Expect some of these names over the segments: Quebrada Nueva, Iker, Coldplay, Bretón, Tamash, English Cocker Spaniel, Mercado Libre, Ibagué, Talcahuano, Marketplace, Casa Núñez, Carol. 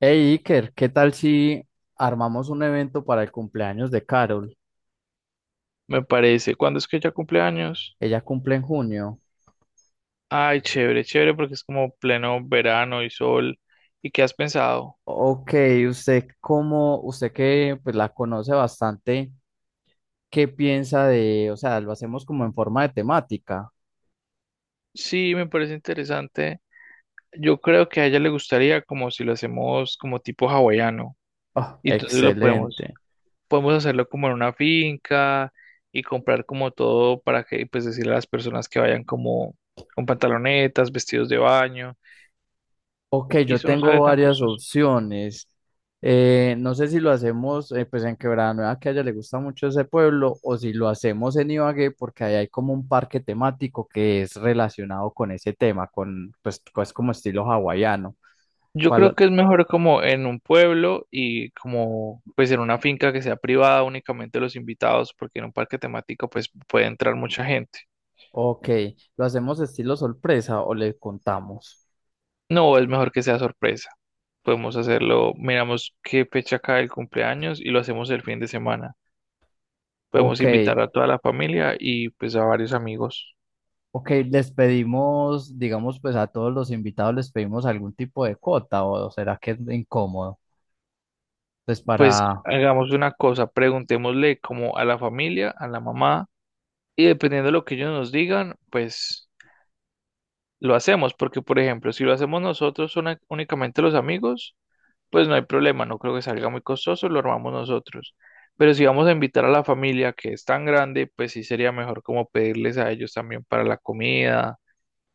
Hey Iker, ¿qué tal si armamos un evento para el cumpleaños de Carol? Me parece. ¿Cuándo es que ella cumple años? Ella cumple en junio. Ay, chévere, chévere, porque es como pleno verano y sol. ¿Y qué has pensado? Ok, usted que pues la conoce bastante, ¿qué piensa de, o sea, lo hacemos como en forma de temática? Sí, me parece interesante. Yo creo que a ella le gustaría como si lo hacemos como tipo hawaiano. Oh, Y entonces excelente. podemos hacerlo como en una finca y comprar como todo para que, pues decirle a las personas que vayan como con pantalonetas, vestidos de baño. Ok, Y yo eso no tengo sale tan varias costoso. opciones. No sé si lo hacemos pues en Quebrada Nueva, que a ella le gusta mucho ese pueblo, o si lo hacemos en Ibagué, porque ahí hay como un parque temático que es relacionado con ese tema, con pues como estilo hawaiano. Yo creo ¿Cuál? que es mejor como en un pueblo y como pues en una finca que sea privada únicamente los invitados, porque en un parque temático pues puede entrar mucha gente. Ok, ¿lo hacemos estilo sorpresa o le contamos? No, es mejor que sea sorpresa. Podemos hacerlo, miramos qué fecha cae el cumpleaños y lo hacemos el fin de semana. Podemos Ok, invitar a toda la familia y pues a varios amigos. ok, les pedimos, digamos, pues a todos los invitados les pedimos algún tipo de cuota, o será que es incómodo, pues Pues para... hagamos una cosa, preguntémosle como a la familia, a la mamá, y dependiendo de lo que ellos nos digan, pues lo hacemos, porque por ejemplo, si lo hacemos nosotros únicamente los amigos, pues no hay problema, no creo que salga muy costoso, lo armamos nosotros. Pero si vamos a invitar a la familia que es tan grande, pues sí sería mejor como pedirles a ellos también para la comida.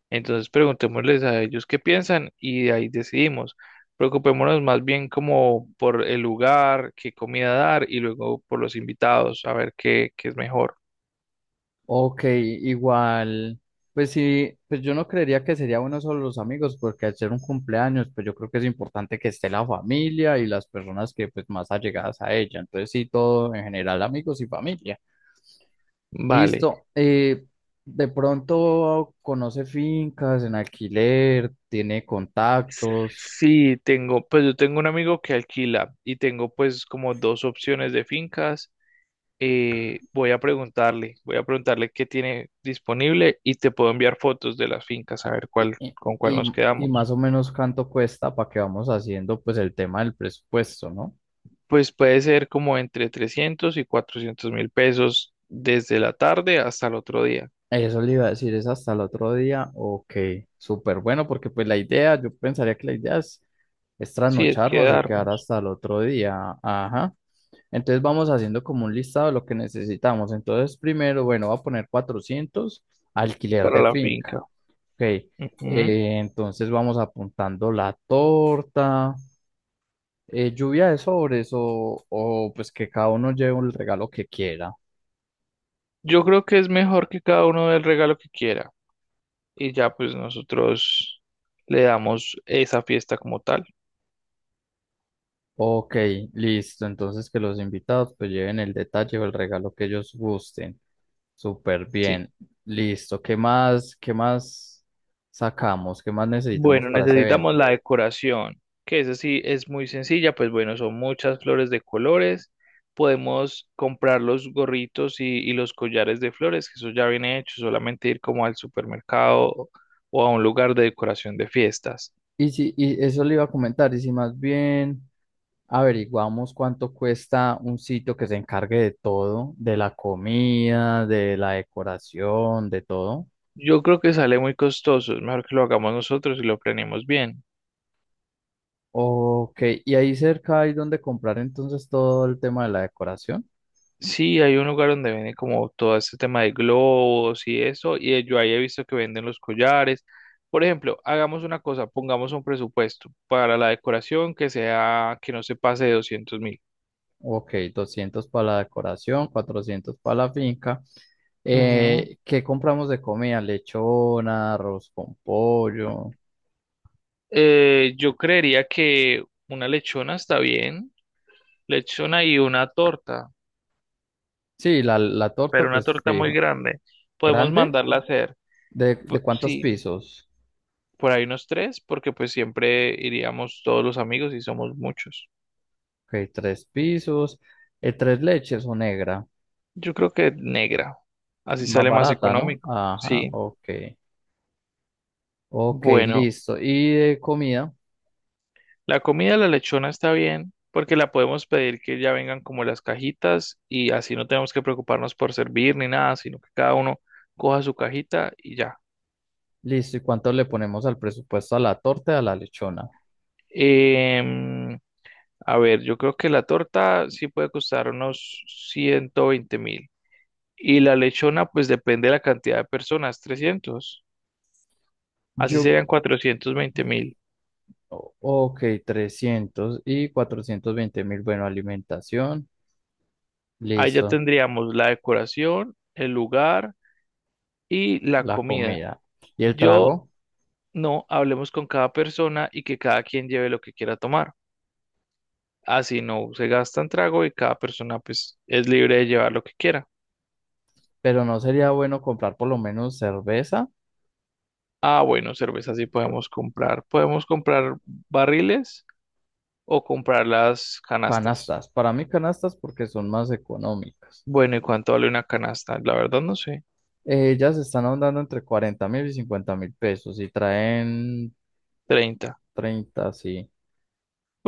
Entonces preguntémosles a ellos qué piensan y de ahí decidimos. Preocupémonos más bien como por el lugar, qué comida dar y luego por los invitados, a ver qué es mejor. Ok, igual, pues sí, pues yo no creería que sería bueno solo los amigos, porque al ser un cumpleaños, pues yo creo que es importante que esté la familia y las personas que pues más allegadas a ella. Entonces sí, todo en general, amigos y familia. Vale. Listo. De pronto conoce fincas en alquiler, tiene contactos Sí, tengo, pues yo tengo un amigo que alquila y tengo pues como dos opciones de fincas. Voy a preguntarle, voy a preguntarle qué tiene disponible y te puedo enviar fotos de las fincas a ver y, cuál, y, con cuál nos y quedamos. más o menos cuánto cuesta para que vamos haciendo pues el tema del presupuesto, ¿no? Pues puede ser como entre 300 y 400 mil pesos desde la tarde hasta el otro día. Eso le iba a decir, es hasta el otro día. Ok, súper bueno, porque pues la idea, yo pensaría que la es Sí, es trasnocharnos y quedar quedarnos hasta el otro día. Ajá. Entonces vamos haciendo como un listado de lo que necesitamos. Entonces, primero, bueno, voy a poner cuatrocientos, alquiler para de la finca. finca. Ok, Ujú. entonces vamos apuntando la torta, lluvia de sobres o pues que cada uno lleve el regalo que quiera. Yo creo que es mejor que cada uno dé el regalo que quiera. Y ya pues nosotros le damos esa fiesta como tal, Ok, listo. Entonces que los invitados pues lleven el detalle o el regalo que ellos gusten. Súper ¿sí? bien. Listo. ¿Qué más sacamos? ¿Qué más necesitamos Bueno, para ese necesitamos evento? la decoración, que esa sí es muy sencilla, pues bueno, son muchas flores de colores, podemos comprar los gorritos y los collares de flores, que eso ya viene hecho, solamente ir como al supermercado o a un lugar de decoración de fiestas. Y si, Y eso le iba a comentar, y si más bien averiguamos cuánto cuesta un sitio que se encargue de todo, de la comida, de la decoración, de todo. Yo creo que sale muy costoso, es mejor que lo hagamos nosotros y lo planeemos bien. Ok, y ahí cerca hay donde comprar entonces todo el tema de la decoración. Sí, hay un lugar donde venden como todo este tema de globos y eso, y yo ahí he visto que venden los collares. Por ejemplo, hagamos una cosa, pongamos un presupuesto para la decoración que sea, que no se pase de 200 mil. Ok, 200 para la decoración, 400 para la finca. Ujú. ¿Qué compramos de comida? Lechona, arroz con pollo. Yo creería que una lechona está bien, lechona y una torta, Sí, la torta, pero una pues torta muy fijo. grande. Podemos ¿Grande? mandarla a hacer, ¿de cuántos sí, pisos? por ahí unos tres, porque pues siempre iríamos todos los amigos y somos muchos. Ok, tres pisos. Tres leches o negra. Yo creo que negra, así Más sale más barata, ¿no? económico. Ajá, Sí, ok. Ok, bueno, listo. ¿Y de comida? la comida de la lechona está bien porque la podemos pedir que ya vengan como las cajitas y así no tenemos que preocuparnos por servir ni nada, sino que cada uno coja su cajita y ya. Listo. ¿Y cuánto le ponemos al presupuesto a la torta y a la lechona? Em, a ver, yo creo que la torta sí puede costar unos 120 mil y la lechona pues depende de la cantidad de personas, 300, así Yo... serían 420 mil. O- Ok, 300 y 420 mil. Bueno, alimentación, Ahí ya listo, tendríamos la decoración, el lugar y la la comida. comida y el Yo trago, no hablemos con cada persona y que cada quien lleve lo que quiera tomar. Así no se gastan trago y cada persona pues es libre de llevar lo que quiera. pero no sería bueno comprar por lo menos cerveza, Ah, bueno, cerveza sí c- podemos comprar. Podemos comprar barriles o comprar las canastas. canastas. Para mí canastas porque son más económicas. Bueno, ¿y cuánto vale una canasta? La verdad no sé. Ellas están andando entre 40 mil y 50 mil pesos y traen 30. 30. Sí.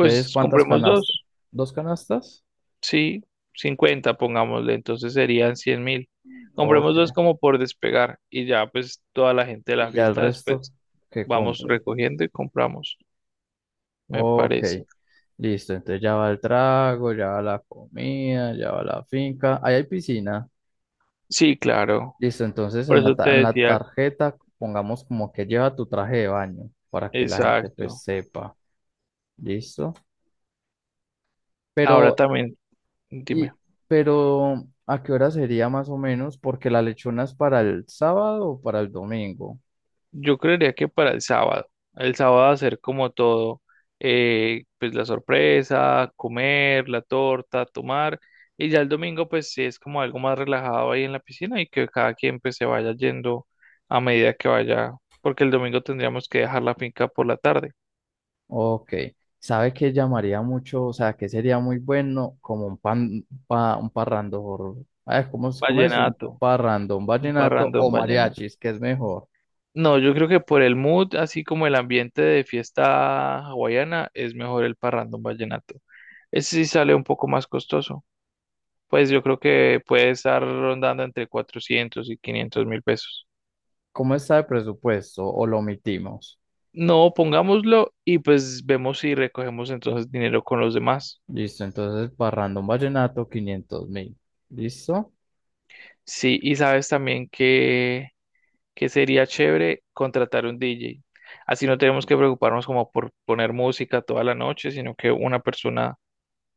Entonces, ¿cuántas compremos canastas? dos. ¿Dos canastas? Sí, 50, pongámosle, entonces serían 100 mil. Compremos Ok. dos como por despegar y ya pues toda la gente de la Y ya el fiesta resto después que vamos compren. recogiendo y compramos, me Ok, parece. listo. Entonces ya va el trago, ya va la comida, ya va la finca. Ahí hay piscina. Sí, claro, Listo, entonces por en eso te en la decía, tarjeta pongamos como que lleva tu traje de baño para que la gente pues exacto. sepa. Listo. Ahora Pero, también, dime. y, pero, ¿a qué hora sería más o menos? Porque la lechona es para el sábado o para el domingo. Yo creería que para el sábado. El sábado hacer como todo, pues la sorpresa, comer, la torta, tomar. Y ya el domingo pues sí es como algo más relajado ahí en la piscina y que cada quien pues se vaya yendo a medida que vaya, porque el domingo tendríamos que dejar la finca por la tarde. Ok, ¿sabe qué llamaría mucho? O sea, que sería muy bueno como un un parrandón, ay, ¿cómo es? Un Vallenato, parrandón, un ¿vallenato o parrandón vallenato. mariachis, que es mejor? No, yo creo que por el mood, así como el ambiente de fiesta hawaiana, es mejor el parrandón vallenato. Ese sí sale un poco más costoso. Pues yo creo que puede estar rondando entre 400 y 500 mil pesos. ¿Cómo está el presupuesto o lo omitimos? No, pongámoslo y pues vemos si recogemos entonces dinero con los demás. Listo, entonces parrandón, vallenato, 500 mil, ¿listo? Sí, y sabes también que sería chévere contratar un DJ. Así no tenemos que preocuparnos como por poner música toda la noche, sino que una persona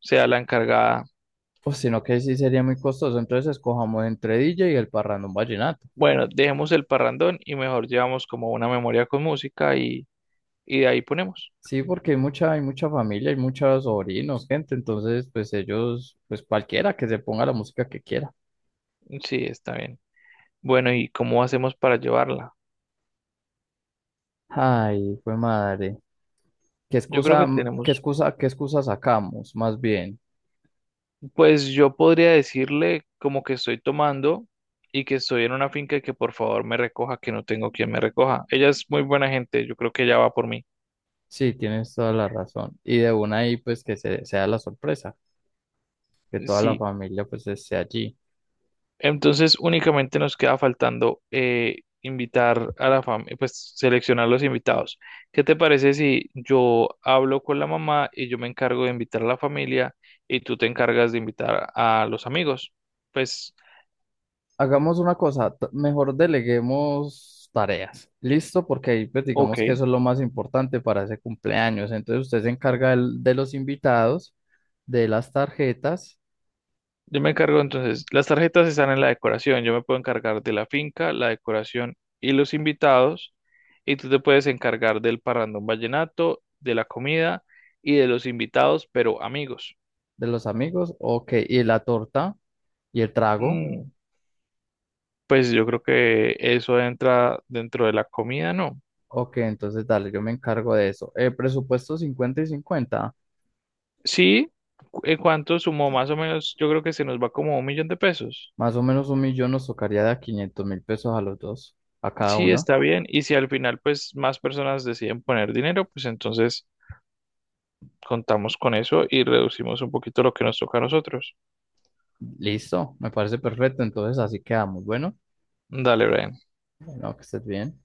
sea la encargada. Pues sino que sí sería muy costoso, entonces escojamos entre DJ y el parrandón vallenato. Bueno, dejemos el parrandón y mejor llevamos como una memoria con música y de ahí ponemos. Sí, porque hay mucha familia, hay muchos sobrinos, gente, entonces pues ellos, pues cualquiera que se ponga la música que quiera. Sí, está bien. Bueno, ¿y cómo hacemos para llevarla? Ay, fue madre. ¿Qué Yo creo excusa, que m- qué tenemos, excusa, ¿qué excusa sacamos? Más bien. pues yo podría decirle como que estoy tomando y que estoy en una finca y que por favor me recoja, que no tengo quien me recoja. Ella es muy buena gente, yo creo que ella va por mí. Sí, tienes toda la razón. Y de una ahí, sea la sorpresa, que toda la Sí, familia pues esté allí. entonces únicamente nos queda faltando invitar a la familia, pues seleccionar los invitados. ¿Qué te parece si yo hablo con la mamá y yo me encargo de invitar a la familia y tú te encargas de invitar a los amigos? Pues, Hagamos una cosa, mejor deleguemos tareas. ¿Listo? Porque ahí pues ok. digamos que eso es lo más importante para ese cumpleaños. Entonces usted se encarga de los invitados, de las tarjetas, Yo me encargo entonces, las tarjetas están en la decoración, yo me puedo encargar de la finca, la decoración y los invitados, y tú te puedes encargar del parrandón vallenato, de la comida y de los invitados, pero amigos. de los amigos, ok, y la torta y el trago. Mm, Pues yo creo que eso entra dentro de la comida, ¿no? Ok, entonces dale, yo me encargo de eso. Presupuesto 50 y 50, Sí, en cuanto sumó más o menos, yo creo que se nos va como un millón de pesos. más o menos un millón nos tocaría de a 500 mil pesos a los dos, a cada Sí, uno. está bien, y si al final pues más personas deciden poner dinero, pues entonces contamos con eso y reducimos un poquito lo que nos toca a nosotros. Listo, me parece perfecto. Entonces así quedamos. Bueno, Dale, Brian. bueno, que estés bien.